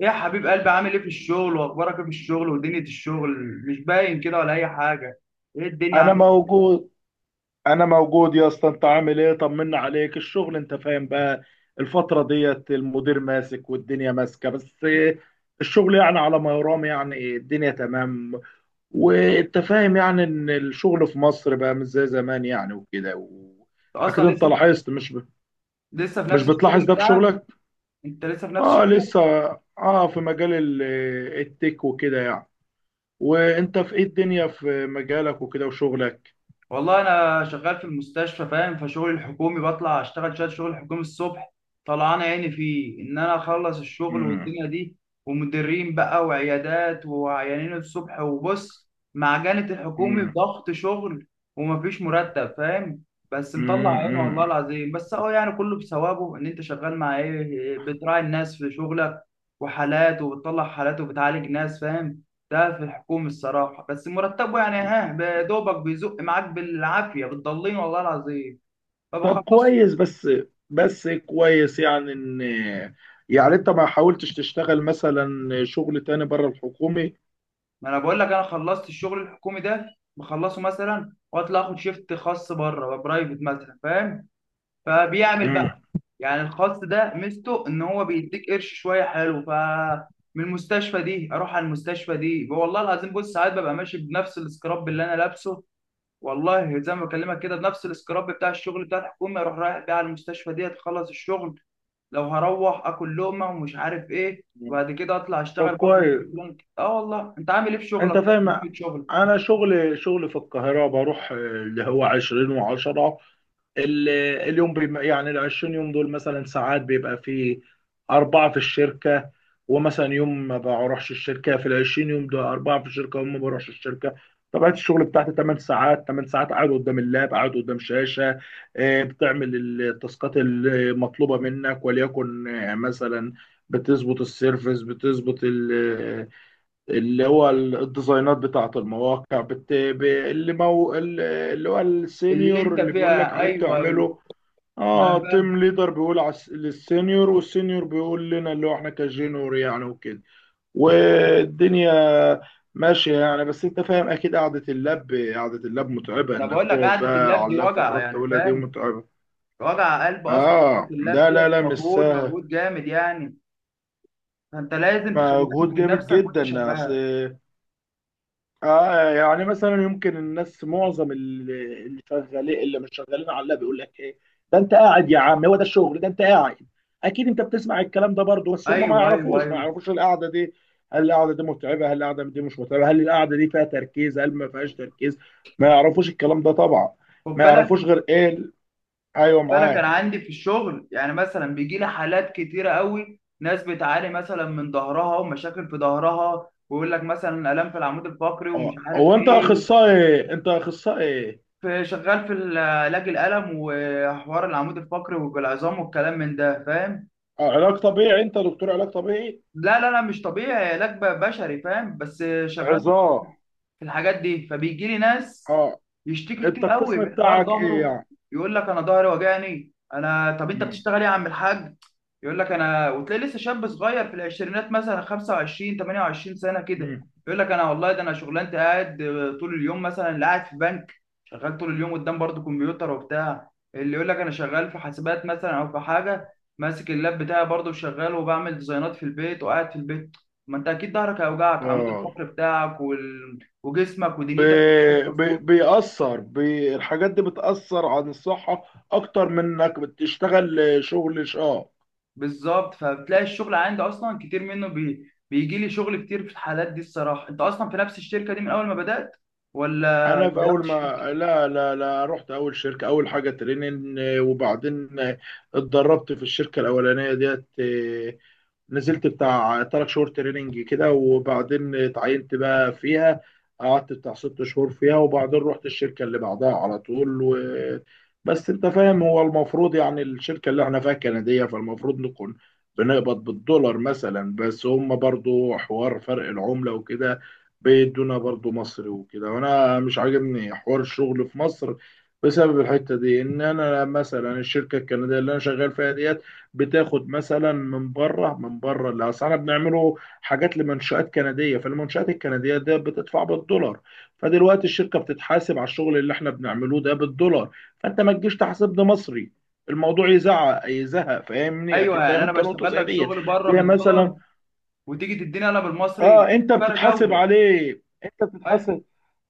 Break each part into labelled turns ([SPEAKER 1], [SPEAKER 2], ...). [SPEAKER 1] ايه يا حبيب قلبي، عامل ايه في الشغل؟ واخبارك ايه في الشغل ودنيا الشغل؟ مش باين كده ولا اي حاجه. ايه الدنيا
[SPEAKER 2] انا
[SPEAKER 1] عامل ايه؟
[SPEAKER 2] موجود انا موجود يا اسطى، انت عامل ايه؟ طمنا عليك الشغل انت فاهم بقى. الفترة ديت المدير ماسك والدنيا ماسكة بس. الشغل يعني على ما يرام، يعني الدنيا تمام. وانت فاهم يعني ان الشغل في مصر بقى مش زي زمان، يعني وكده.
[SPEAKER 1] أنت اصلا
[SPEAKER 2] اكيد انت
[SPEAKER 1] لسه
[SPEAKER 2] لاحظت،
[SPEAKER 1] لسه في
[SPEAKER 2] مش
[SPEAKER 1] نفس الشغل
[SPEAKER 2] بتلاحظ ده في
[SPEAKER 1] بتاعك؟
[SPEAKER 2] شغلك؟
[SPEAKER 1] انت لسه في نفس
[SPEAKER 2] اه
[SPEAKER 1] الشغل؟
[SPEAKER 2] لسه. اه في مجال التك وكده يعني. وانت في ايه الدنيا، في مجالك وكده وشغلك؟
[SPEAKER 1] والله انا شغال في المستشفى فاهم، فشغلي الحكومي بطلع اشتغل شويه شغل حكومي الصبح. طلعان عيني فيه ان انا اخلص الشغل والدنيا دي، ومديرين بقى وعيادات وعيانين الصبح، وبص معجنة الحكومي
[SPEAKER 2] امم
[SPEAKER 1] ضغط شغل ومفيش مرتب فاهم. بس مطلع عيني والله
[SPEAKER 2] مم.
[SPEAKER 1] العظيم، بس هو يعني كله بثوابه ان انت شغال مع ايه، بتراعي الناس في شغلك وحالات، وبتطلع حالات وبتعالج ناس فاهم. ده في الحكومة الصراحة، بس مرتبه يعني ها بدوبك، بيزق معاك بالعافية، بتضلين والله العظيم،
[SPEAKER 2] طب
[SPEAKER 1] فبخلصه.
[SPEAKER 2] كويس بس، بس كويس يعني ان، يعني انت ما حاولتش تشتغل مثلا شغل تاني بره الحكومي؟
[SPEAKER 1] ما انا بقول لك انا خلصت الشغل الحكومي ده، بخلصه مثلا واطلع اخد شيفت خاص بره برايفت مثلا فاهم. فبيعمل
[SPEAKER 2] مم.
[SPEAKER 1] بقى يعني الخاص ده، ميزته ان هو بيديك قرش شوية حلو. ف من المستشفى دي اروح على المستشفى دي، والله العظيم بص ساعات ببقى ماشي بنفس السكراب اللي انا لابسه. والله زي ما بكلمك كده، بنفس السكراب بتاع الشغل بتاع الحكومه، اروح رايح بيه على المستشفى دي، تخلص الشغل لو هروح اكل لقمه ومش عارف ايه، وبعد كده اطلع
[SPEAKER 2] طب
[SPEAKER 1] اشتغل برضه في
[SPEAKER 2] كويس،
[SPEAKER 1] الشغلانه. اه والله انت عامل ايه في شغلك؟
[SPEAKER 2] انت
[SPEAKER 1] طيب
[SPEAKER 2] فاهم.
[SPEAKER 1] في شغل
[SPEAKER 2] انا شغل في القاهرة، بروح اللي هو 20 و10. ال- اليوم بيم، يعني ال 20 يوم دول مثلا، ساعات بيبقى في أربعة في الشركة. ومثلا يوم ما بروحش الشركة، في ال 20 يوم دول أربعة في الشركة وما بروحش الشركة. طبيعة الشغل بتاعتي 8 ساعات، 8 ساعات قاعد قدام اللاب، قاعد قدام شاشة. بتعمل التاسكات المطلوبة منك، وليكن مثلا بتظبط السيرفس، بتظبط اللي هو الديزاينات بتاعة المواقع، اللي اللي هو
[SPEAKER 1] اللي
[SPEAKER 2] السينيور
[SPEAKER 1] انت
[SPEAKER 2] اللي بيقول لك
[SPEAKER 1] فيها؟
[SPEAKER 2] عليه
[SPEAKER 1] ايوه ايوه،
[SPEAKER 2] بتعمله.
[SPEAKER 1] ما انا
[SPEAKER 2] اه
[SPEAKER 1] فاهم.
[SPEAKER 2] تيم ليدر بيقول على للسينيور والسينيور بيقول لنا اللي هو احنا كجينور يعني وكده. والدنيا ماشية يعني، بس انت فاهم اكيد قعدة اللاب، قعدة اللاب متعبة،
[SPEAKER 1] انا
[SPEAKER 2] انك
[SPEAKER 1] بقول لك
[SPEAKER 2] تقعد
[SPEAKER 1] قعده
[SPEAKER 2] بقى
[SPEAKER 1] اللاب
[SPEAKER 2] على
[SPEAKER 1] دي
[SPEAKER 2] اللاب
[SPEAKER 1] وجع
[SPEAKER 2] فترات
[SPEAKER 1] يعني
[SPEAKER 2] طويلة دي
[SPEAKER 1] فاهم،
[SPEAKER 2] متعبة.
[SPEAKER 1] وجع قلب اصلا قعده
[SPEAKER 2] اه
[SPEAKER 1] اللاب
[SPEAKER 2] لا
[SPEAKER 1] دي.
[SPEAKER 2] لا لا، مش
[SPEAKER 1] مجهود
[SPEAKER 2] سهل.
[SPEAKER 1] مجهود جامد يعني، فانت لازم تخلي بالك
[SPEAKER 2] مجهود
[SPEAKER 1] من
[SPEAKER 2] جامد
[SPEAKER 1] نفسك وانت
[SPEAKER 2] جدا. اصل
[SPEAKER 1] شغال.
[SPEAKER 2] اه يعني مثلا يمكن الناس، معظم اللي شغالين، اللي مش شغالين على اللاب، بيقول لك ايه؟ ده انت قاعد يا عم، هو ده الشغل؟ ده انت قاعد. اكيد انت بتسمع الكلام ده برضه. بس هم ما
[SPEAKER 1] ايوه ايوه
[SPEAKER 2] يعرفوش، ما
[SPEAKER 1] ايوه،
[SPEAKER 2] يعرفوش القعده دي. هل القعده دي متعبه؟ هل القعده دي مش متعبه؟ هل القعده دي فيها تركيز؟ هل ما فيهاش تركيز؟ ما يعرفوش الكلام ده طبعا.
[SPEAKER 1] خد
[SPEAKER 2] ما
[SPEAKER 1] بالك.
[SPEAKER 2] يعرفوش غير ايه ايوه
[SPEAKER 1] فانا كان
[SPEAKER 2] معاك.
[SPEAKER 1] عندي في الشغل يعني مثلا بيجي لي حالات كتيره قوي، ناس بتعاني مثلا من ظهرها ومشاكل في ظهرها، ويقول لك مثلا الام في العمود الفقري ومش
[SPEAKER 2] اه
[SPEAKER 1] عارف
[SPEAKER 2] هو انت
[SPEAKER 1] ايه.
[SPEAKER 2] اخصائي؟ انت اخصائي؟
[SPEAKER 1] في شغال في علاج الالم وحوار العمود الفقري والعظام والكلام من ده فاهم.
[SPEAKER 2] اه علاج طبيعي، انت دكتور علاج طبيعي؟
[SPEAKER 1] لا لا لا، مش طبيعي، علاج بشري فاهم، بس شغال
[SPEAKER 2] عظام؟
[SPEAKER 1] في الحاجات دي. فبيجي لي ناس
[SPEAKER 2] اه،
[SPEAKER 1] يشتكي
[SPEAKER 2] انت
[SPEAKER 1] كتير قوي
[SPEAKER 2] القسم
[SPEAKER 1] من حوار
[SPEAKER 2] بتاعك ايه
[SPEAKER 1] ظهره.
[SPEAKER 2] يعني؟
[SPEAKER 1] يقول لك انا ظهري وجعني. انا طب انت
[SPEAKER 2] مم.
[SPEAKER 1] بتشتغل ايه يا عم الحاج؟ يقول لك انا، وتلاقي لسه شاب صغير في العشرينات مثلا 25 28 سنه كده.
[SPEAKER 2] مم.
[SPEAKER 1] يقول لك انا والله ده انا شغلانتي قاعد طول اليوم، مثلا اللي قاعد في بنك شغال طول اليوم قدام برضه كمبيوتر وبتاع، اللي يقول لك انا شغال في حاسبات مثلا، او في حاجه ماسك اللاب بتاعي برضه وشغال وبعمل ديزاينات في البيت وقاعد في البيت. ما انت اكيد ظهرك هيوجعك، عمود
[SPEAKER 2] اه
[SPEAKER 1] الفقري بتاعك وال، وجسمك
[SPEAKER 2] ب...
[SPEAKER 1] ودنيتك وكلك مظبوط.
[SPEAKER 2] بيأثر الحاجات دي بتأثر عن الصحة، أكتر من إنك بتشتغل شغل شاق.
[SPEAKER 1] بالظبط، فبتلاقي الشغل عندي اصلا كتير منه، بيجي لي شغل كتير في الحالات دي الصراحه. انت اصلا في نفس الشركه دي من اول ما بدات ولا
[SPEAKER 2] أنا في
[SPEAKER 1] غيرت
[SPEAKER 2] أول ما
[SPEAKER 1] شركه؟
[SPEAKER 2] لا لا لا، رحت أول شركة أول حاجة تريننج، وبعدين اتدربت في الشركة الأولانية ديت. نزلت بتاع تلات شهور تريننج كده، وبعدين اتعينت بقى فيها. قعدت بتاع ست شهور فيها، وبعدين رحت الشركة اللي بعدها على طول. بس انت فاهم، هو المفروض يعني الشركة اللي احنا فيها كندية، فالمفروض نكون بنقبض بالدولار مثلا. بس هم برضو حوار فرق العملة وكده، بيدونا برضو مصري وكده. وانا مش عاجبني حوار الشغل في مصر بسبب الحتة دي. ان انا مثلا الشركة الكندية اللي انا شغال فيها دي بتاخد مثلا من بره اللي اصل احنا بنعمله حاجات لمنشآت كنديه. فالمنشآت الكنديه ده بتدفع بالدولار، فدلوقتي الشركه بتتحاسب على الشغل اللي احنا بنعمله ده بالدولار. فانت ما تجيش تحاسبني مصري. الموضوع يزعق يزهق، فاهمني
[SPEAKER 1] ايوه
[SPEAKER 2] اكيد،
[SPEAKER 1] يعني
[SPEAKER 2] فاهم
[SPEAKER 1] انا
[SPEAKER 2] انت نقطه
[SPEAKER 1] بشتغل
[SPEAKER 2] زي
[SPEAKER 1] لك
[SPEAKER 2] ديت.
[SPEAKER 1] شغل بره
[SPEAKER 2] زي مثلا،
[SPEAKER 1] بالدولار، وتيجي تديني انا بالمصري،
[SPEAKER 2] اه
[SPEAKER 1] في
[SPEAKER 2] انت
[SPEAKER 1] فرق
[SPEAKER 2] بتتحاسب
[SPEAKER 1] جوده.
[SPEAKER 2] عليه،
[SPEAKER 1] اي،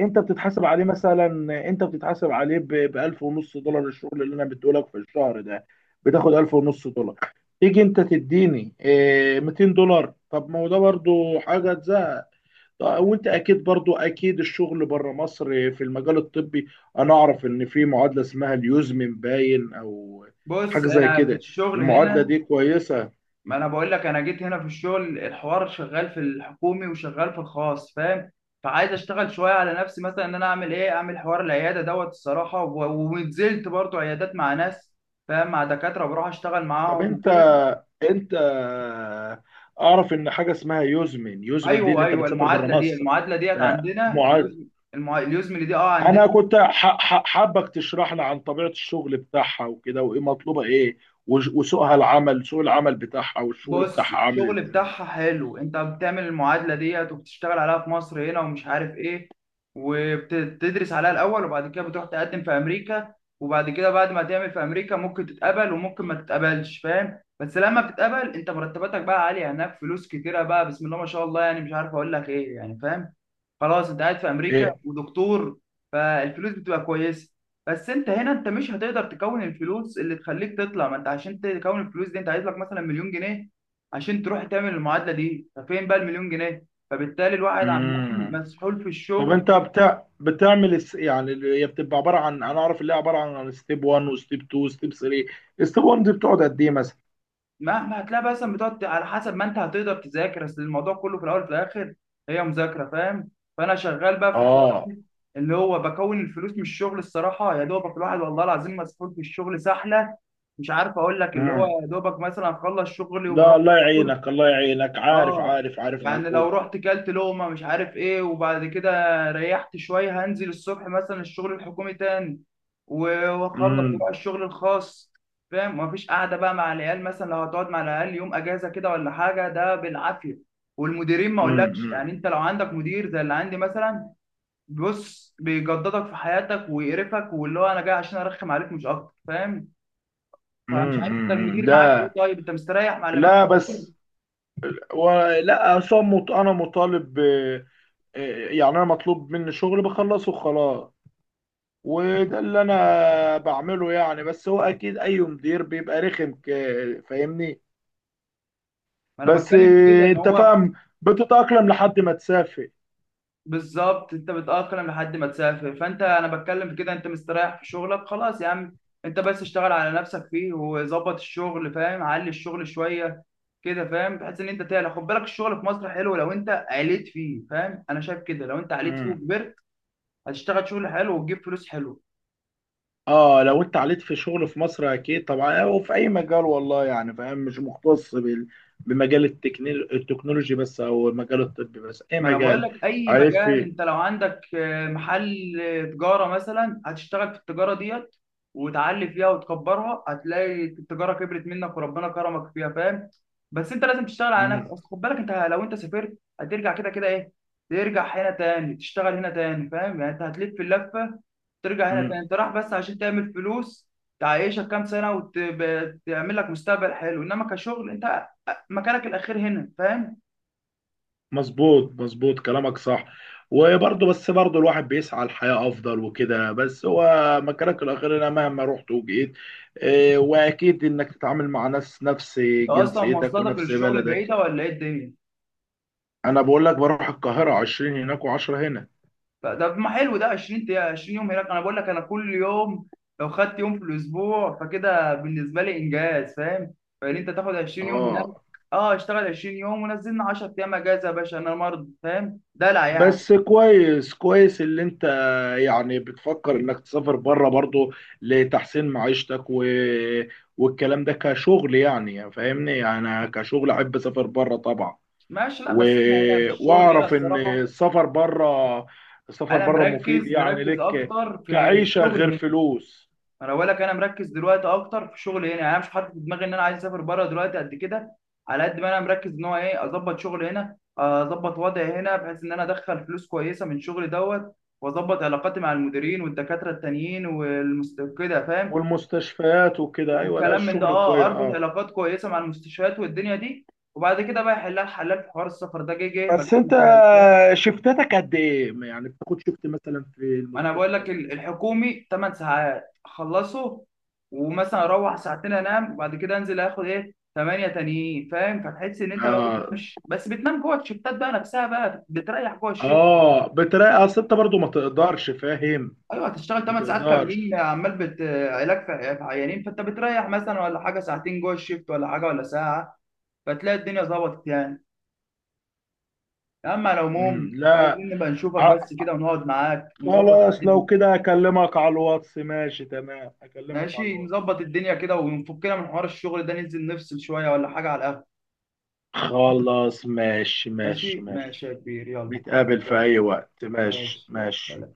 [SPEAKER 2] انت بتتحاسب عليه مثلا، انت بتتحاسب عليه ب 1000 ونص دولار. الشغل اللي انا بديهولك في الشهر ده بتاخد 1000 ونص دولار، تيجي انت تديني $200؟ طب ما هو ده برضو حاجه تزهق. طب وانت اكيد برضو اكيد، الشغل بره مصر في المجال الطبي، انا اعرف ان في معادله اسمها اليوزمن باين، او
[SPEAKER 1] بص
[SPEAKER 2] حاجه زي
[SPEAKER 1] انا في
[SPEAKER 2] كده.
[SPEAKER 1] الشغل
[SPEAKER 2] المعادله
[SPEAKER 1] هنا،
[SPEAKER 2] دي كويسه.
[SPEAKER 1] ما انا بقول لك انا جيت هنا في الشغل، الحوار شغال في الحكومي وشغال في الخاص فاهم. فعايز اشتغل شويه على نفسي مثلا، ان انا اعمل ايه، اعمل حوار العياده دوت الصراحه، ونزلت برضو عيادات مع ناس فاهم، مع دكاتره بروح اشتغل
[SPEAKER 2] طب
[SPEAKER 1] معاهم
[SPEAKER 2] انت
[SPEAKER 1] وكده.
[SPEAKER 2] انت اعرف ان حاجه اسمها يوزمن، يوزمن دي
[SPEAKER 1] ايوه
[SPEAKER 2] اللي انت
[SPEAKER 1] ايوه،
[SPEAKER 2] بتسافر بره
[SPEAKER 1] المعادله دي،
[SPEAKER 2] مصر.
[SPEAKER 1] المعادله ديت
[SPEAKER 2] ف-
[SPEAKER 1] عندنا
[SPEAKER 2] معاد
[SPEAKER 1] اليوزم. اليوزم اللي دي اه عندنا.
[SPEAKER 2] انا كنت حابك تشرح لي عن طبيعه الشغل بتاعها وكده، وايه مطلوبه ايه، وسوقها العمل، سوق العمل بتاعها والشغل
[SPEAKER 1] بص
[SPEAKER 2] بتاعها عامل
[SPEAKER 1] الشغل
[SPEAKER 2] ازاي؟
[SPEAKER 1] بتاعها حلو، انت بتعمل المعادلة ديت وبتشتغل عليها في مصر هنا ومش عارف ايه، وبتدرس عليها الاول، وبعد كده بتروح تقدم في امريكا. وبعد كده بعد ما تعمل في امريكا، ممكن تتقبل وممكن ما تتقبلش فاهم. بس لما بتتقبل انت، مرتباتك بقى عالية هناك، فلوس كتيرة بقى بسم الله ما شاء الله، يعني مش عارف اقول لك ايه يعني فاهم. خلاص انت قاعد في امريكا
[SPEAKER 2] ايه،
[SPEAKER 1] ودكتور، فالفلوس بتبقى كويسة. بس انت هنا، انت مش هتقدر تكون الفلوس اللي تخليك تطلع. ما انت عشان تكون الفلوس دي، انت عايز لك مثلا مليون جنيه عشان تروح تعمل المعادله دي، ففين بقى المليون جنيه؟ فبالتالي الواحد عمال
[SPEAKER 2] امم
[SPEAKER 1] مسحول في
[SPEAKER 2] طب
[SPEAKER 1] الشغل.
[SPEAKER 2] انت بتاع بتعمل يعني اللي هي بتبقى عباره عن، انا اعرف اللي هي عباره عن ستيب 1 وستيب 2 وستيب 3. ستيب 1 دي بتقعد قد ايه مثلا؟
[SPEAKER 1] مهما هتلاقي بقى، مثلا بتقعد على حسب ما انت هتقدر تذاكر، اصل الموضوع كله في الاول وفي الاخر هي مذاكره فاهم. فانا شغال بقى في حوار
[SPEAKER 2] اه
[SPEAKER 1] اللي هو بكون الفلوس من الشغل الصراحه، يا دوبك الواحد والله العظيم مسحول في الشغل سحله. مش عارف اقول لك، اللي هو يا دوبك مثلا اخلص شغلي
[SPEAKER 2] لا،
[SPEAKER 1] وبروح
[SPEAKER 2] الله
[SPEAKER 1] اكل،
[SPEAKER 2] يعينك، الله يعينك، عارف
[SPEAKER 1] اه،
[SPEAKER 2] عارف عارف
[SPEAKER 1] يعني لو
[SPEAKER 2] مجهود.
[SPEAKER 1] رحت كلت لقمة مش عارف ايه، وبعد كده ريحت شوية هنزل الصبح مثلا الشغل الحكومي تاني، و- واخلص واروح
[SPEAKER 2] امم
[SPEAKER 1] الشغل الخاص فاهم. مفيش قعدة بقى مع العيال، مثلا لو هتقعد مع العيال يوم اجازة كده ولا حاجة، ده بالعافية. والمديرين ما اقولكش
[SPEAKER 2] امم
[SPEAKER 1] يعني، انت لو عندك مدير زي اللي عندي مثلا، بص بيجددك في حياتك ويقرفك، واللي هو انا جاي عشان ارخم عليك مش اكتر فاهم. فمش عارف انت المدير معاك ايه،
[SPEAKER 2] لا،
[SPEAKER 1] طيب انت مستريح مع اللي معاك؟
[SPEAKER 2] لا بس، ولا أصلاً انا مطالب يعني انا مطلوب مني شغل بخلصه خلاص. وده اللي انا بعمله يعني، بس هو اكيد اي مدير بيبقى رخم فاهمني
[SPEAKER 1] ما انا
[SPEAKER 2] بس
[SPEAKER 1] بتكلم في كده ان
[SPEAKER 2] انت
[SPEAKER 1] هو،
[SPEAKER 2] فاهم، بتتأقلم لحد ما تسافر.
[SPEAKER 1] بالظبط انت بتأقلم لحد ما تسافر، فانت انا بتكلم في كده، انت مستريح في شغلك خلاص يا عم. انت بس اشتغل على نفسك فيه، وظبط الشغل فاهم، علي الشغل شويه كده فاهم، بحيث ان انت تعلى. خد بالك، الشغل في مصر حلو لو انت عليت فيه فاهم، انا شايف كده. لو انت عليت فيه وكبرت، هتشتغل شغل حلو وتجيب فلوس حلو.
[SPEAKER 2] اه، لو انت عليت في شغل في مصر اكيد طبعا، او في اي مجال والله يعني، فاهم؟ مش مختص بمجال التكنولوجي بس، او مجال الطب بس، اي
[SPEAKER 1] ما انا بقول
[SPEAKER 2] مجال
[SPEAKER 1] لك اي
[SPEAKER 2] عليت
[SPEAKER 1] مجال،
[SPEAKER 2] فيه.
[SPEAKER 1] انت لو عندك محل، تجاره مثلا، هتشتغل في التجاره ديت وتعلي فيها وتكبرها، هتلاقي التجاره كبرت منك وربنا كرمك فيها فاهم. بس انت لازم تشتغل على نفسك،
[SPEAKER 2] مم،
[SPEAKER 1] أصل خد بالك، انت لو انت سافرت هترجع كده كده ايه، ترجع هنا تاني تشتغل هنا تاني فاهم، يعني انت هتلف اللفه ترجع هنا تاني.
[SPEAKER 2] مم.
[SPEAKER 1] انت رايح بس عشان تعمل فلوس تعيشك كام سنه وتعمل لك مستقبل حلو، انما كشغل انت مكانك الاخير هنا فاهم.
[SPEAKER 2] مظبوط مظبوط كلامك صح. وبرضه، بس برضه الواحد بيسعى لحياة افضل وكده، بس هو مكانك الاخير، انا مهما رحت وجيت. واكيد انك تتعامل مع ناس نفس
[SPEAKER 1] انت اصلا
[SPEAKER 2] جنسيتك
[SPEAKER 1] مواصلاتك
[SPEAKER 2] ونفس
[SPEAKER 1] للشغل
[SPEAKER 2] بلدك.
[SPEAKER 1] بعيده ولا ايه الدنيا؟
[SPEAKER 2] انا بقول لك بروح القاهرة 20 هناك و10 هنا.
[SPEAKER 1] طب ما حلو ده، 20 يوم هناك. انا بقول لك انا كل يوم، لو خدت يوم في الاسبوع فكده بالنسبه لي انجاز فاهم؟ فان انت تاخد 20 يوم هناك،
[SPEAKER 2] اه
[SPEAKER 1] اه، اشتغل 20 يوم ونزلنا 10 ايام اجازه يا باشا، انا مرض فاهم؟ دلع يعني.
[SPEAKER 2] بس كويس، كويس اللي انت يعني بتفكر انك تسافر بره برضو لتحسين معيشتك. والكلام ده كشغل، يعني فاهمني، انا كشغل احب اسافر بره طبعا
[SPEAKER 1] ماشي، لا
[SPEAKER 2] و...
[SPEAKER 1] بس انا هنا في الشغل هنا
[SPEAKER 2] واعرف ان
[SPEAKER 1] الصراحه،
[SPEAKER 2] السفر بره،
[SPEAKER 1] انا
[SPEAKER 2] مفيد
[SPEAKER 1] مركز
[SPEAKER 2] يعني
[SPEAKER 1] مركز
[SPEAKER 2] لك
[SPEAKER 1] اكتر في
[SPEAKER 2] كعيشة،
[SPEAKER 1] شغل
[SPEAKER 2] غير
[SPEAKER 1] هنا.
[SPEAKER 2] فلوس.
[SPEAKER 1] انا بقول لك انا مركز دلوقتي اكتر في شغلي هنا، يعني انا مش حاطط في دماغي ان انا عايز اسافر بره دلوقتي قد كده، على قد ما انا مركز ان هو ايه اظبط شغلي هنا، اظبط وضعي هنا، بحيث ان انا ادخل فلوس كويسه من شغلي دوت، واظبط علاقاتي مع المديرين والدكاتره التانيين والمست كده فاهم.
[SPEAKER 2] والمستشفيات وكده، ايوه لا
[SPEAKER 1] والكلام من ده
[SPEAKER 2] الشغل
[SPEAKER 1] اه،
[SPEAKER 2] كويس
[SPEAKER 1] اربط
[SPEAKER 2] اه.
[SPEAKER 1] علاقات كويسه مع المستشفيات والدنيا دي، وبعد كده بقى يحلها الحلال في حوار السفر ده، جه جه، ما جاش
[SPEAKER 2] بس انت
[SPEAKER 1] ما جاش.
[SPEAKER 2] شفتاتك قد ايه يعني؟ بتاخد شفت مثلا في
[SPEAKER 1] ما انا بقول
[SPEAKER 2] المستشفى
[SPEAKER 1] لك
[SPEAKER 2] في اليوم؟
[SPEAKER 1] الحكومي 8 ساعات اخلصه، ومثلا اروح ساعتين انام، وبعد كده انزل اخد ايه 8 تانيين فاهم. فتحس ان انت ما
[SPEAKER 2] آه.
[SPEAKER 1] بتنامش، بس بتنام جوه الشفتات بقى نفسها بقى، بتريح جوه الشفت.
[SPEAKER 2] اه بتراقي، اصل انت برضو ما تقدرش، فاهم؟
[SPEAKER 1] ايوه هتشتغل
[SPEAKER 2] ما
[SPEAKER 1] 8 ساعات كاملين،
[SPEAKER 2] تقدرش.
[SPEAKER 1] عمال علاج في عيانين، فانت بتريح مثلا ولا حاجه ساعتين جوه الشفت ولا حاجه ولا ساعه، فتلاقي الدنيا ظبطت يعني. اما على
[SPEAKER 2] مم.
[SPEAKER 1] العموم
[SPEAKER 2] لا،
[SPEAKER 1] عايزين نبقى نشوفك
[SPEAKER 2] ع-
[SPEAKER 1] بس كده، ونقعد معاك ونظبط
[SPEAKER 2] خلاص
[SPEAKER 1] قعدتنا.
[SPEAKER 2] لو كده اكلمك على الواتس. ماشي تمام، اكلمك على
[SPEAKER 1] ماشي
[SPEAKER 2] الواتس.
[SPEAKER 1] نظبط الدنيا كده، ونفكنا من حوار الشغل ده، ننزل نفصل شوية ولا حاجة على القهوة.
[SPEAKER 2] خلاص ماشي ماشي
[SPEAKER 1] ماشي
[SPEAKER 2] ماشي.
[SPEAKER 1] ماشي يا كبير يلا.
[SPEAKER 2] نتقابل في
[SPEAKER 1] يلا،
[SPEAKER 2] اي وقت، ماشي
[SPEAKER 1] ماشي
[SPEAKER 2] ماشي.
[SPEAKER 1] يلا.